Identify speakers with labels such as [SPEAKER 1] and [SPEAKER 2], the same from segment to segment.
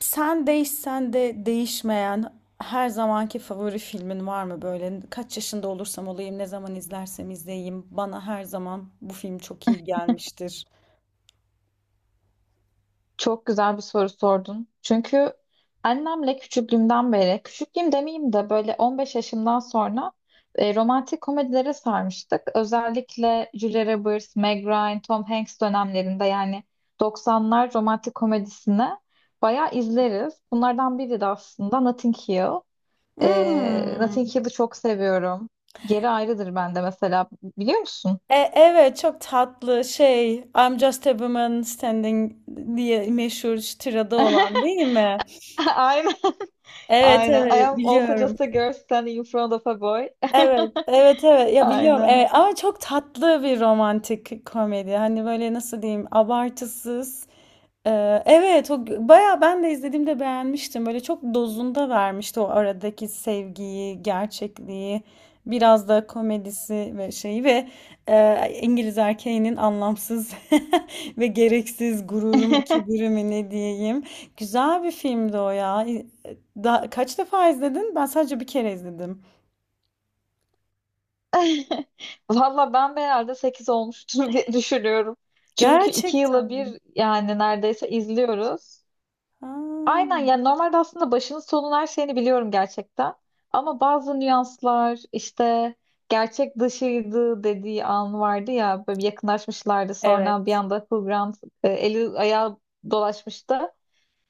[SPEAKER 1] Sen değişsen de değişmeyen her zamanki favori filmin var mı böyle? Kaç yaşında olursam olayım, ne zaman izlersem izleyeyim. Bana her zaman bu film çok iyi gelmiştir.
[SPEAKER 2] Çok güzel bir soru sordun. Çünkü annemle küçüklüğümden beri, küçüklüğüm demeyeyim de böyle 15 yaşımdan sonra romantik komedilere sarmıştık. Özellikle Julia Roberts, Meg Ryan, Tom Hanks dönemlerinde yani 90'lar romantik komedisini bayağı izleriz. Bunlardan biri de aslında Notting Hill. Notting
[SPEAKER 1] Hmm.
[SPEAKER 2] Hill'i çok seviyorum. Yeri ayrıdır bende mesela. Biliyor musun?
[SPEAKER 1] Evet, çok tatlı şey I'm just a woman standing diye meşhur şu tirada olan, değil mi?
[SPEAKER 2] Aynen.
[SPEAKER 1] Evet
[SPEAKER 2] Aynen. I
[SPEAKER 1] evet
[SPEAKER 2] am also
[SPEAKER 1] biliyorum.
[SPEAKER 2] just a girl standing in front of a boy.
[SPEAKER 1] Evet, evet, evet. Ya biliyorum.
[SPEAKER 2] Aynen.
[SPEAKER 1] Evet. Ama çok tatlı bir romantik komedi. Hani böyle nasıl diyeyim, abartısız. Evet, bayağı ben de izlediğimde beğenmiştim. Böyle çok dozunda vermişti o aradaki sevgiyi, gerçekliği, biraz da komedisi ve şeyi ve İngiliz erkeğinin anlamsız ve gereksiz gururumu, kibirimi ne diyeyim. Güzel bir filmdi o ya. Kaç defa izledin? Ben sadece bir kere izledim.
[SPEAKER 2] Valla ben de herhalde 8 olmuştur diye düşünüyorum. Çünkü 2
[SPEAKER 1] Gerçekten
[SPEAKER 2] yıla bir
[SPEAKER 1] mi?
[SPEAKER 2] yani neredeyse izliyoruz.
[SPEAKER 1] Ha,
[SPEAKER 2] Aynen, yani normalde aslında başının sonun her şeyini biliyorum gerçekten. Ama bazı nüanslar işte, gerçek dışıydı dediği an vardı ya, böyle bir yakınlaşmışlardı sonra bir
[SPEAKER 1] evet.
[SPEAKER 2] anda Hugh Grant eli ayağı dolaşmıştı.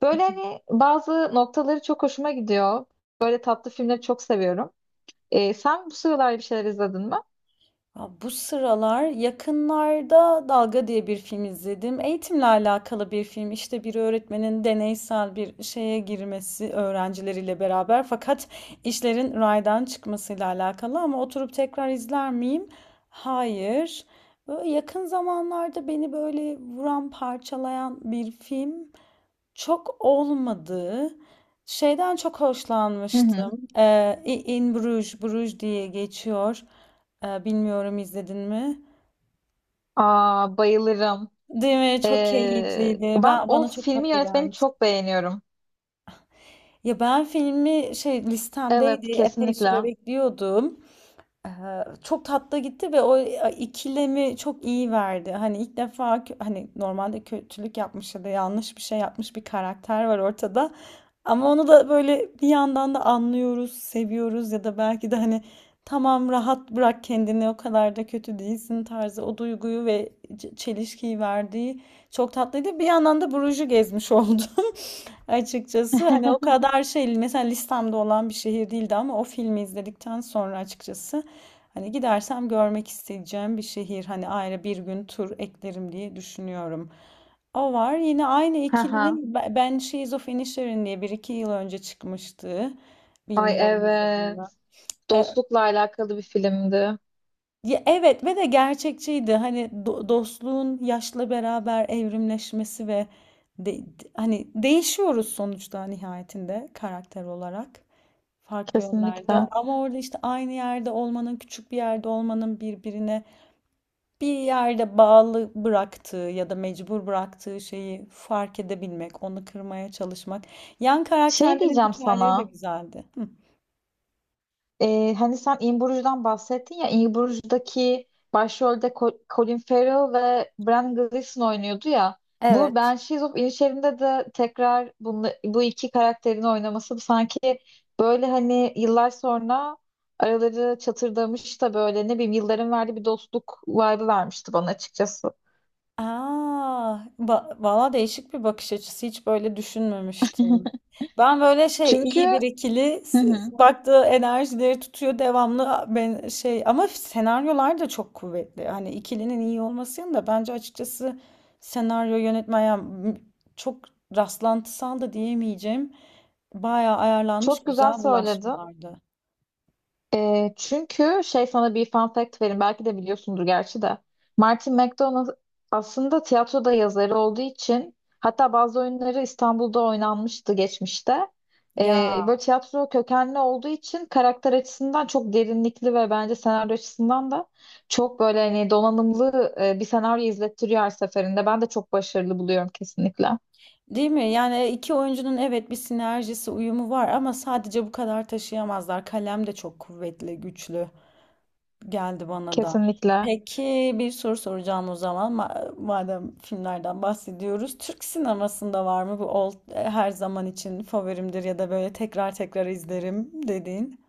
[SPEAKER 2] Böyle hani bazı noktaları çok hoşuma gidiyor. Böyle tatlı filmleri çok seviyorum. Sen bu sıralar bir şeyler izledin mi?
[SPEAKER 1] Ya bu sıralar yakınlarda Dalga diye bir film izledim. Eğitimle alakalı bir film. İşte bir öğretmenin deneysel bir şeye girmesi öğrencileriyle beraber, fakat işlerin raydan çıkmasıyla alakalı, ama oturup tekrar izler miyim? Hayır. Böyle yakın zamanlarda beni böyle vuran, parçalayan bir film. Çok olmadı. Şeyden çok
[SPEAKER 2] Hı
[SPEAKER 1] hoşlanmıştım.
[SPEAKER 2] hı.
[SPEAKER 1] In Bruges, Bruges diye geçiyor. Bilmiyorum, izledin mi?
[SPEAKER 2] Aa, bayılırım.
[SPEAKER 1] Değil mi? Çok keyifliydi.
[SPEAKER 2] Ben o
[SPEAKER 1] Bana çok
[SPEAKER 2] filmi
[SPEAKER 1] tatlı
[SPEAKER 2] yönetmeni
[SPEAKER 1] gelmişti.
[SPEAKER 2] çok beğeniyorum.
[SPEAKER 1] Ya ben filmi, şey,
[SPEAKER 2] Evet,
[SPEAKER 1] listemdeydi. Epey süre
[SPEAKER 2] kesinlikle.
[SPEAKER 1] bekliyordum. Çok tatlı gitti ve o ikilemi çok iyi verdi. Hani ilk defa normalde kötülük yapmış ya da yanlış bir şey yapmış bir karakter var ortada. Ama onu da böyle bir yandan da anlıyoruz, seviyoruz, ya da belki de hani tamam rahat bırak kendini, o kadar da kötü değilsin tarzı o duyguyu ve çelişkiyi verdiği çok tatlıydı. Bir yandan da Bruges'i gezmiş oldu. Açıkçası hani o kadar şey, mesela listemde olan bir şehir değildi ama o filmi izledikten sonra, açıkçası, hani gidersem görmek isteyeceğim bir şehir, hani ayrı bir gün tur eklerim diye düşünüyorum. O var, yine aynı
[SPEAKER 2] Haha.
[SPEAKER 1] ikilinin Ben She's of Inisherin diye bir iki yıl önce çıkmıştı.
[SPEAKER 2] Ay
[SPEAKER 1] Bilmiyorum izledim
[SPEAKER 2] evet.
[SPEAKER 1] mi? E,
[SPEAKER 2] Dostlukla alakalı bir filmdi.
[SPEAKER 1] Ya evet, ve de gerçekçiydi. Hani dostluğun yaşla beraber evrimleşmesi ve hani değişiyoruz sonuçta nihayetinde karakter olarak farklı yönlerde.
[SPEAKER 2] Kesinlikle.
[SPEAKER 1] Ama orada işte aynı yerde olmanın, küçük bir yerde olmanın birbirine bir yerde bağlı bıraktığı ya da mecbur bıraktığı şeyi fark edebilmek, onu kırmaya çalışmak. Yan
[SPEAKER 2] Şey
[SPEAKER 1] karakterlerin
[SPEAKER 2] diyeceğim
[SPEAKER 1] hikayeleri de
[SPEAKER 2] sana.
[SPEAKER 1] güzeldi. Hı.
[SPEAKER 2] Hani sen In Bruges'dan bahsettin ya, In Bruges'daki başrolde Colin Farrell ve Bran Gleeson oynuyordu ya. Bu Banshees of Inisherin'de de tekrar bunu, bu iki karakterin oynaması sanki böyle hani yıllar sonra araları çatırdamış da böyle ne bileyim yılların verdiği bir dostluk vibe'ı vermişti bana açıkçası.
[SPEAKER 1] Aa, valla değişik bir bakış açısı. Hiç böyle düşünmemiştim. Ben böyle şey
[SPEAKER 2] Çünkü
[SPEAKER 1] iyi bir ikili
[SPEAKER 2] hı hı,
[SPEAKER 1] baktığı enerjileri tutuyor devamlı ben şey, ama senaryolar da çok kuvvetli. Hani ikilinin iyi olmasının da bence açıkçası senaryo yönetmen yani, m- çok rastlantısal da diyemeyeceğim. Bayağı ayarlanmış
[SPEAKER 2] çok güzel
[SPEAKER 1] güzel
[SPEAKER 2] söyledin.
[SPEAKER 1] bulaşmalardı.
[SPEAKER 2] Çünkü şey, sana bir fun fact vereyim. Belki de biliyorsundur gerçi de. Martin McDonagh aslında tiyatroda yazarı olduğu için, hatta bazı oyunları İstanbul'da oynanmıştı geçmişte. Böyle tiyatro kökenli olduğu için karakter açısından çok derinlikli ve bence senaryo açısından da çok böyle hani donanımlı bir senaryo izlettiriyor her seferinde. Ben de çok başarılı buluyorum kesinlikle.
[SPEAKER 1] Değil mi? Yani iki oyuncunun, evet, bir sinerjisi, uyumu var ama sadece bu kadar taşıyamazlar. Kalem de çok kuvvetli, güçlü geldi bana da.
[SPEAKER 2] Kesinlikle.
[SPEAKER 1] Peki bir soru soracağım o zaman. Madem filmlerden bahsediyoruz. Türk sinemasında var mı bu her zaman için favorimdir ya da böyle tekrar tekrar izlerim dediğin?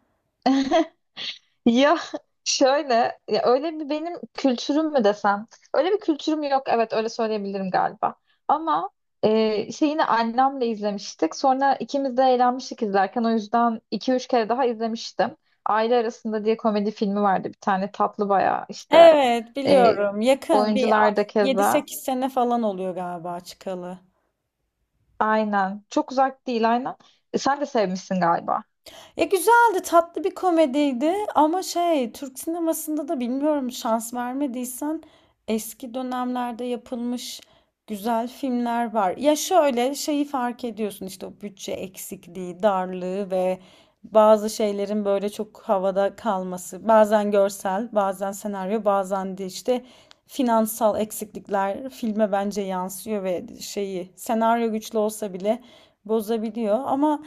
[SPEAKER 2] Ya şöyle, ya öyle bir benim kültürüm mü desem? Öyle bir kültürüm yok, evet öyle söyleyebilirim galiba. Ama şey, yine annemle izlemiştik. Sonra ikimiz de eğlenmiştik izlerken. O yüzden iki üç kere daha izlemiştim. Aile Arasında diye komedi filmi vardı bir tane, tatlı bayağı işte.
[SPEAKER 1] Evet,
[SPEAKER 2] E,
[SPEAKER 1] biliyorum.
[SPEAKER 2] Oyuncular da keza.
[SPEAKER 1] 7-8 sene falan oluyor galiba çıkalı.
[SPEAKER 2] Aynen. Çok uzak değil, aynen. Sen de sevmişsin galiba.
[SPEAKER 1] Güzeldi, tatlı bir komediydi ama şey, Türk sinemasında da bilmiyorum, şans vermediysen eski dönemlerde yapılmış güzel filmler var. Ya şöyle şeyi fark ediyorsun, işte o bütçe eksikliği, darlığı ve bazı şeylerin böyle çok havada kalması. Bazen görsel, bazen senaryo, bazen de işte finansal eksiklikler filme bence yansıyor ve şeyi, senaryo güçlü olsa bile, bozabiliyor ama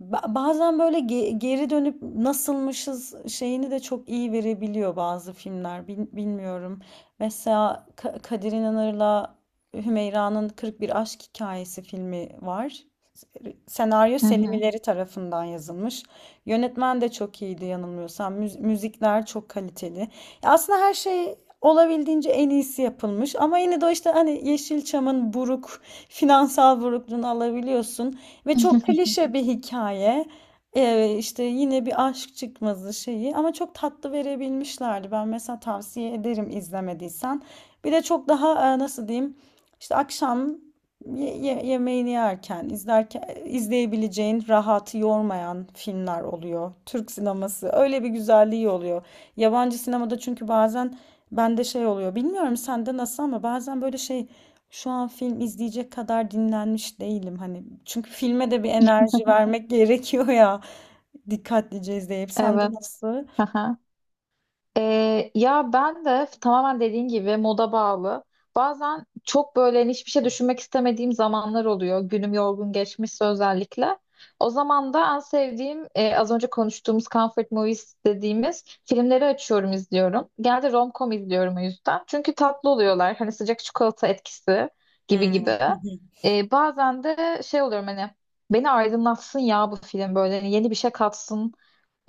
[SPEAKER 1] Bazen böyle geri dönüp nasılmışız şeyini de çok iyi verebiliyor bazı filmler. Bilmiyorum. Mesela Kadir İnanır'la Hümeyra'nın 41 Aşk Hikayesi filmi var. Senaryo
[SPEAKER 2] Hı
[SPEAKER 1] Selim
[SPEAKER 2] hı.
[SPEAKER 1] İleri tarafından yazılmış. Yönetmen de çok iyiydi yanılmıyorsam. Müzikler çok kaliteli. Ya aslında her şey olabildiğince en iyisi yapılmış. Ama yine de o işte hani Yeşilçam'ın buruk, finansal burukluğunu alabiliyorsun. Ve çok klişe bir hikaye. İşte yine bir aşk çıkmazı şeyi, ama çok tatlı verebilmişlerdi. Ben mesela tavsiye ederim izlemediysen. Bir de çok daha nasıl diyeyim, işte akşam yemeğini yerken izlerken izleyebileceğin, rahatı yormayan filmler oluyor. Türk sineması öyle bir güzelliği oluyor. Yabancı sinemada, çünkü bazen bende şey oluyor. Bilmiyorum sende nasıl ama bazen böyle şey, şu an film izleyecek kadar dinlenmiş değilim. Hani çünkü filme de bir enerji vermek gerekiyor ya. Dikkatlice izleyip. Sende
[SPEAKER 2] Evet.
[SPEAKER 1] nasıl?
[SPEAKER 2] Hı. Ya ben de tamamen dediğin gibi moda bağlı. Bazen çok böyle hani hiçbir şey düşünmek istemediğim zamanlar oluyor. Günüm yorgun geçmişse özellikle. O zaman da en sevdiğim, az önce konuştuğumuz comfort movies dediğimiz filmleri açıyorum izliyorum. Genelde rom-com izliyorum o yüzden. Çünkü tatlı oluyorlar. Hani sıcak çikolata etkisi gibi gibi.
[SPEAKER 1] Hmm.
[SPEAKER 2] Bazen de şey oluyorum, hani beni aydınlatsın ya bu film, böyle hani yeni bir şey katsın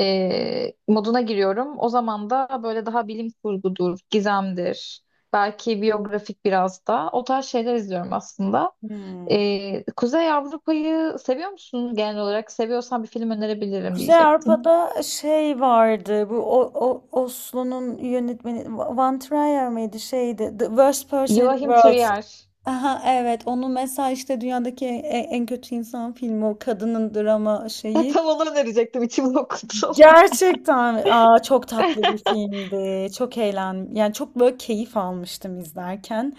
[SPEAKER 2] moduna giriyorum. O zaman da böyle daha bilim kurgudur, gizemdir, belki biyografik, biraz da o tarz şeyler izliyorum aslında.
[SPEAKER 1] Hmm.
[SPEAKER 2] Kuzey Avrupa'yı seviyor musun genel olarak? Seviyorsan bir film önerebilirim
[SPEAKER 1] Kuzey
[SPEAKER 2] diyecektim.
[SPEAKER 1] Avrupa'da şey vardı. Bu, o Oslo'nun yönetmeni Van Trier miydi, şeydi. The Worst Person in the
[SPEAKER 2] Joachim
[SPEAKER 1] World.
[SPEAKER 2] Trier.
[SPEAKER 1] Aha evet. Onu mesela işte dünyadaki en kötü insan filmi, o kadının drama şeyi.
[SPEAKER 2] Tam onu önerecektim, içimi okudum.
[SPEAKER 1] Gerçekten, aa, çok tatlı bir filmdi. Çok eğlen Yani çok böyle keyif almıştım izlerken.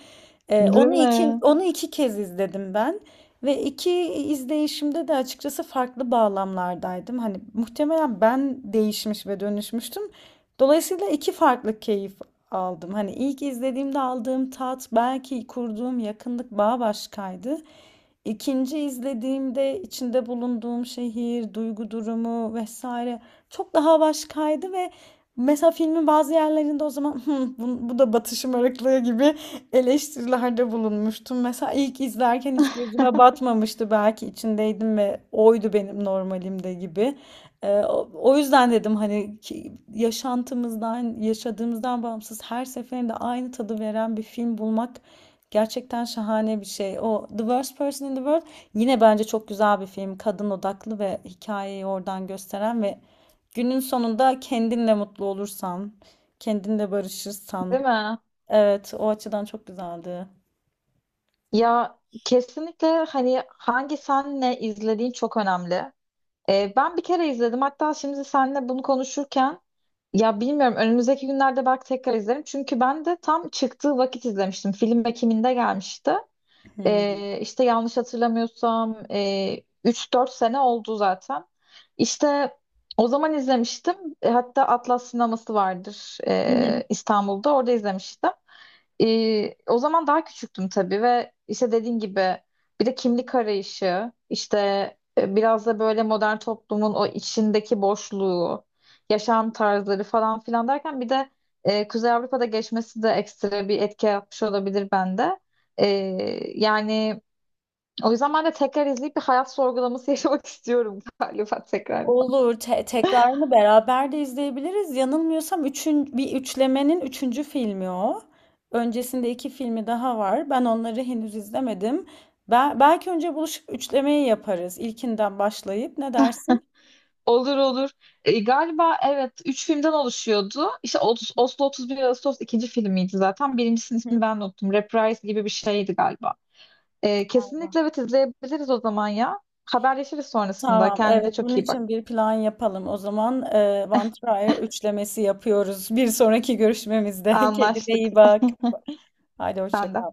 [SPEAKER 1] Ee,
[SPEAKER 2] Değil
[SPEAKER 1] onu iki
[SPEAKER 2] mi?
[SPEAKER 1] onu iki kez izledim ben ve iki izleyişimde de açıkçası farklı bağlamlardaydım. Hani muhtemelen ben değişmiş ve dönüşmüştüm. Dolayısıyla iki farklı keyif aldım. Hani ilk izlediğimde aldığım tat, belki kurduğum yakınlık bağ başkaydı. İkinci izlediğimde içinde bulunduğum şehir, duygu durumu, vesaire, çok daha başkaydı ve mesela filmin bazı yerlerinde, o zaman, bu da batışım ırklığı gibi eleştirilerde bulunmuştum. Mesela ilk izlerken hiç gözüme batmamıştı, belki içindeydim ve oydu benim normalimde gibi. O yüzden dedim hani ki, yaşantımızdan, yaşadığımızdan bağımsız her seferinde aynı tadı veren bir film bulmak gerçekten şahane bir şey. O, The Worst Person in the World, yine bence çok güzel bir film. Kadın odaklı ve hikayeyi oradan gösteren ve günün sonunda kendinle mutlu olursan, kendinle barışırsan.
[SPEAKER 2] Değil mi?
[SPEAKER 1] Evet, o açıdan çok güzeldi.
[SPEAKER 2] Ya kesinlikle, hani hangi senle izlediğin çok önemli. Ben bir kere izledim. Hatta şimdi seninle bunu konuşurken, ya bilmiyorum, önümüzdeki günlerde belki tekrar izlerim. Çünkü ben de tam çıktığı vakit izlemiştim. Film Ekim'inde gelmişti.
[SPEAKER 1] Hmm. Hı
[SPEAKER 2] İşte yanlış hatırlamıyorsam 3-4 sene oldu zaten. İşte o zaman izlemiştim. Hatta Atlas sineması vardır
[SPEAKER 1] hı.
[SPEAKER 2] İstanbul'da. Orada izlemiştim. O zaman daha küçüktüm tabii, ve işte dediğin gibi bir de kimlik arayışı, işte biraz da böyle modern toplumun o içindeki boşluğu, yaşam tarzları falan filan derken bir de Kuzey Avrupa'da geçmesi de ekstra bir etki yapmış olabilir bende. Ee, Yani o yüzden ben de tekrar izleyip bir hayat sorgulaması yaşamak istiyorum galiba tekrar.
[SPEAKER 1] Olur. Tekrarını beraber de izleyebiliriz. Yanılmıyorsam bir üçlemenin üçüncü filmi o. Öncesinde iki filmi daha var. Ben onları henüz izlemedim. Belki önce buluşup üçlemeyi yaparız. İlkinden başlayıp ne dersin?
[SPEAKER 2] Olur olur. Galiba evet üç filmden oluşuyordu. İşte Oslo 31 Ağustos ikinci filmiydi zaten. Birincisinin
[SPEAKER 1] Hı.
[SPEAKER 2] ismini ben de unuttum. Reprise gibi bir şeydi galiba. Kesinlikle evet izleyebiliriz o zaman ya. Haberleşiriz sonrasında.
[SPEAKER 1] Tamam,
[SPEAKER 2] Kendine
[SPEAKER 1] evet bunun
[SPEAKER 2] çok iyi bak.
[SPEAKER 1] için bir plan yapalım. O zaman One Trier üçlemesi yapıyoruz. Bir sonraki görüşmemizde. Kendine
[SPEAKER 2] Anlaştık.
[SPEAKER 1] iyi bak. Haydi hoşça
[SPEAKER 2] Sen de.
[SPEAKER 1] kal.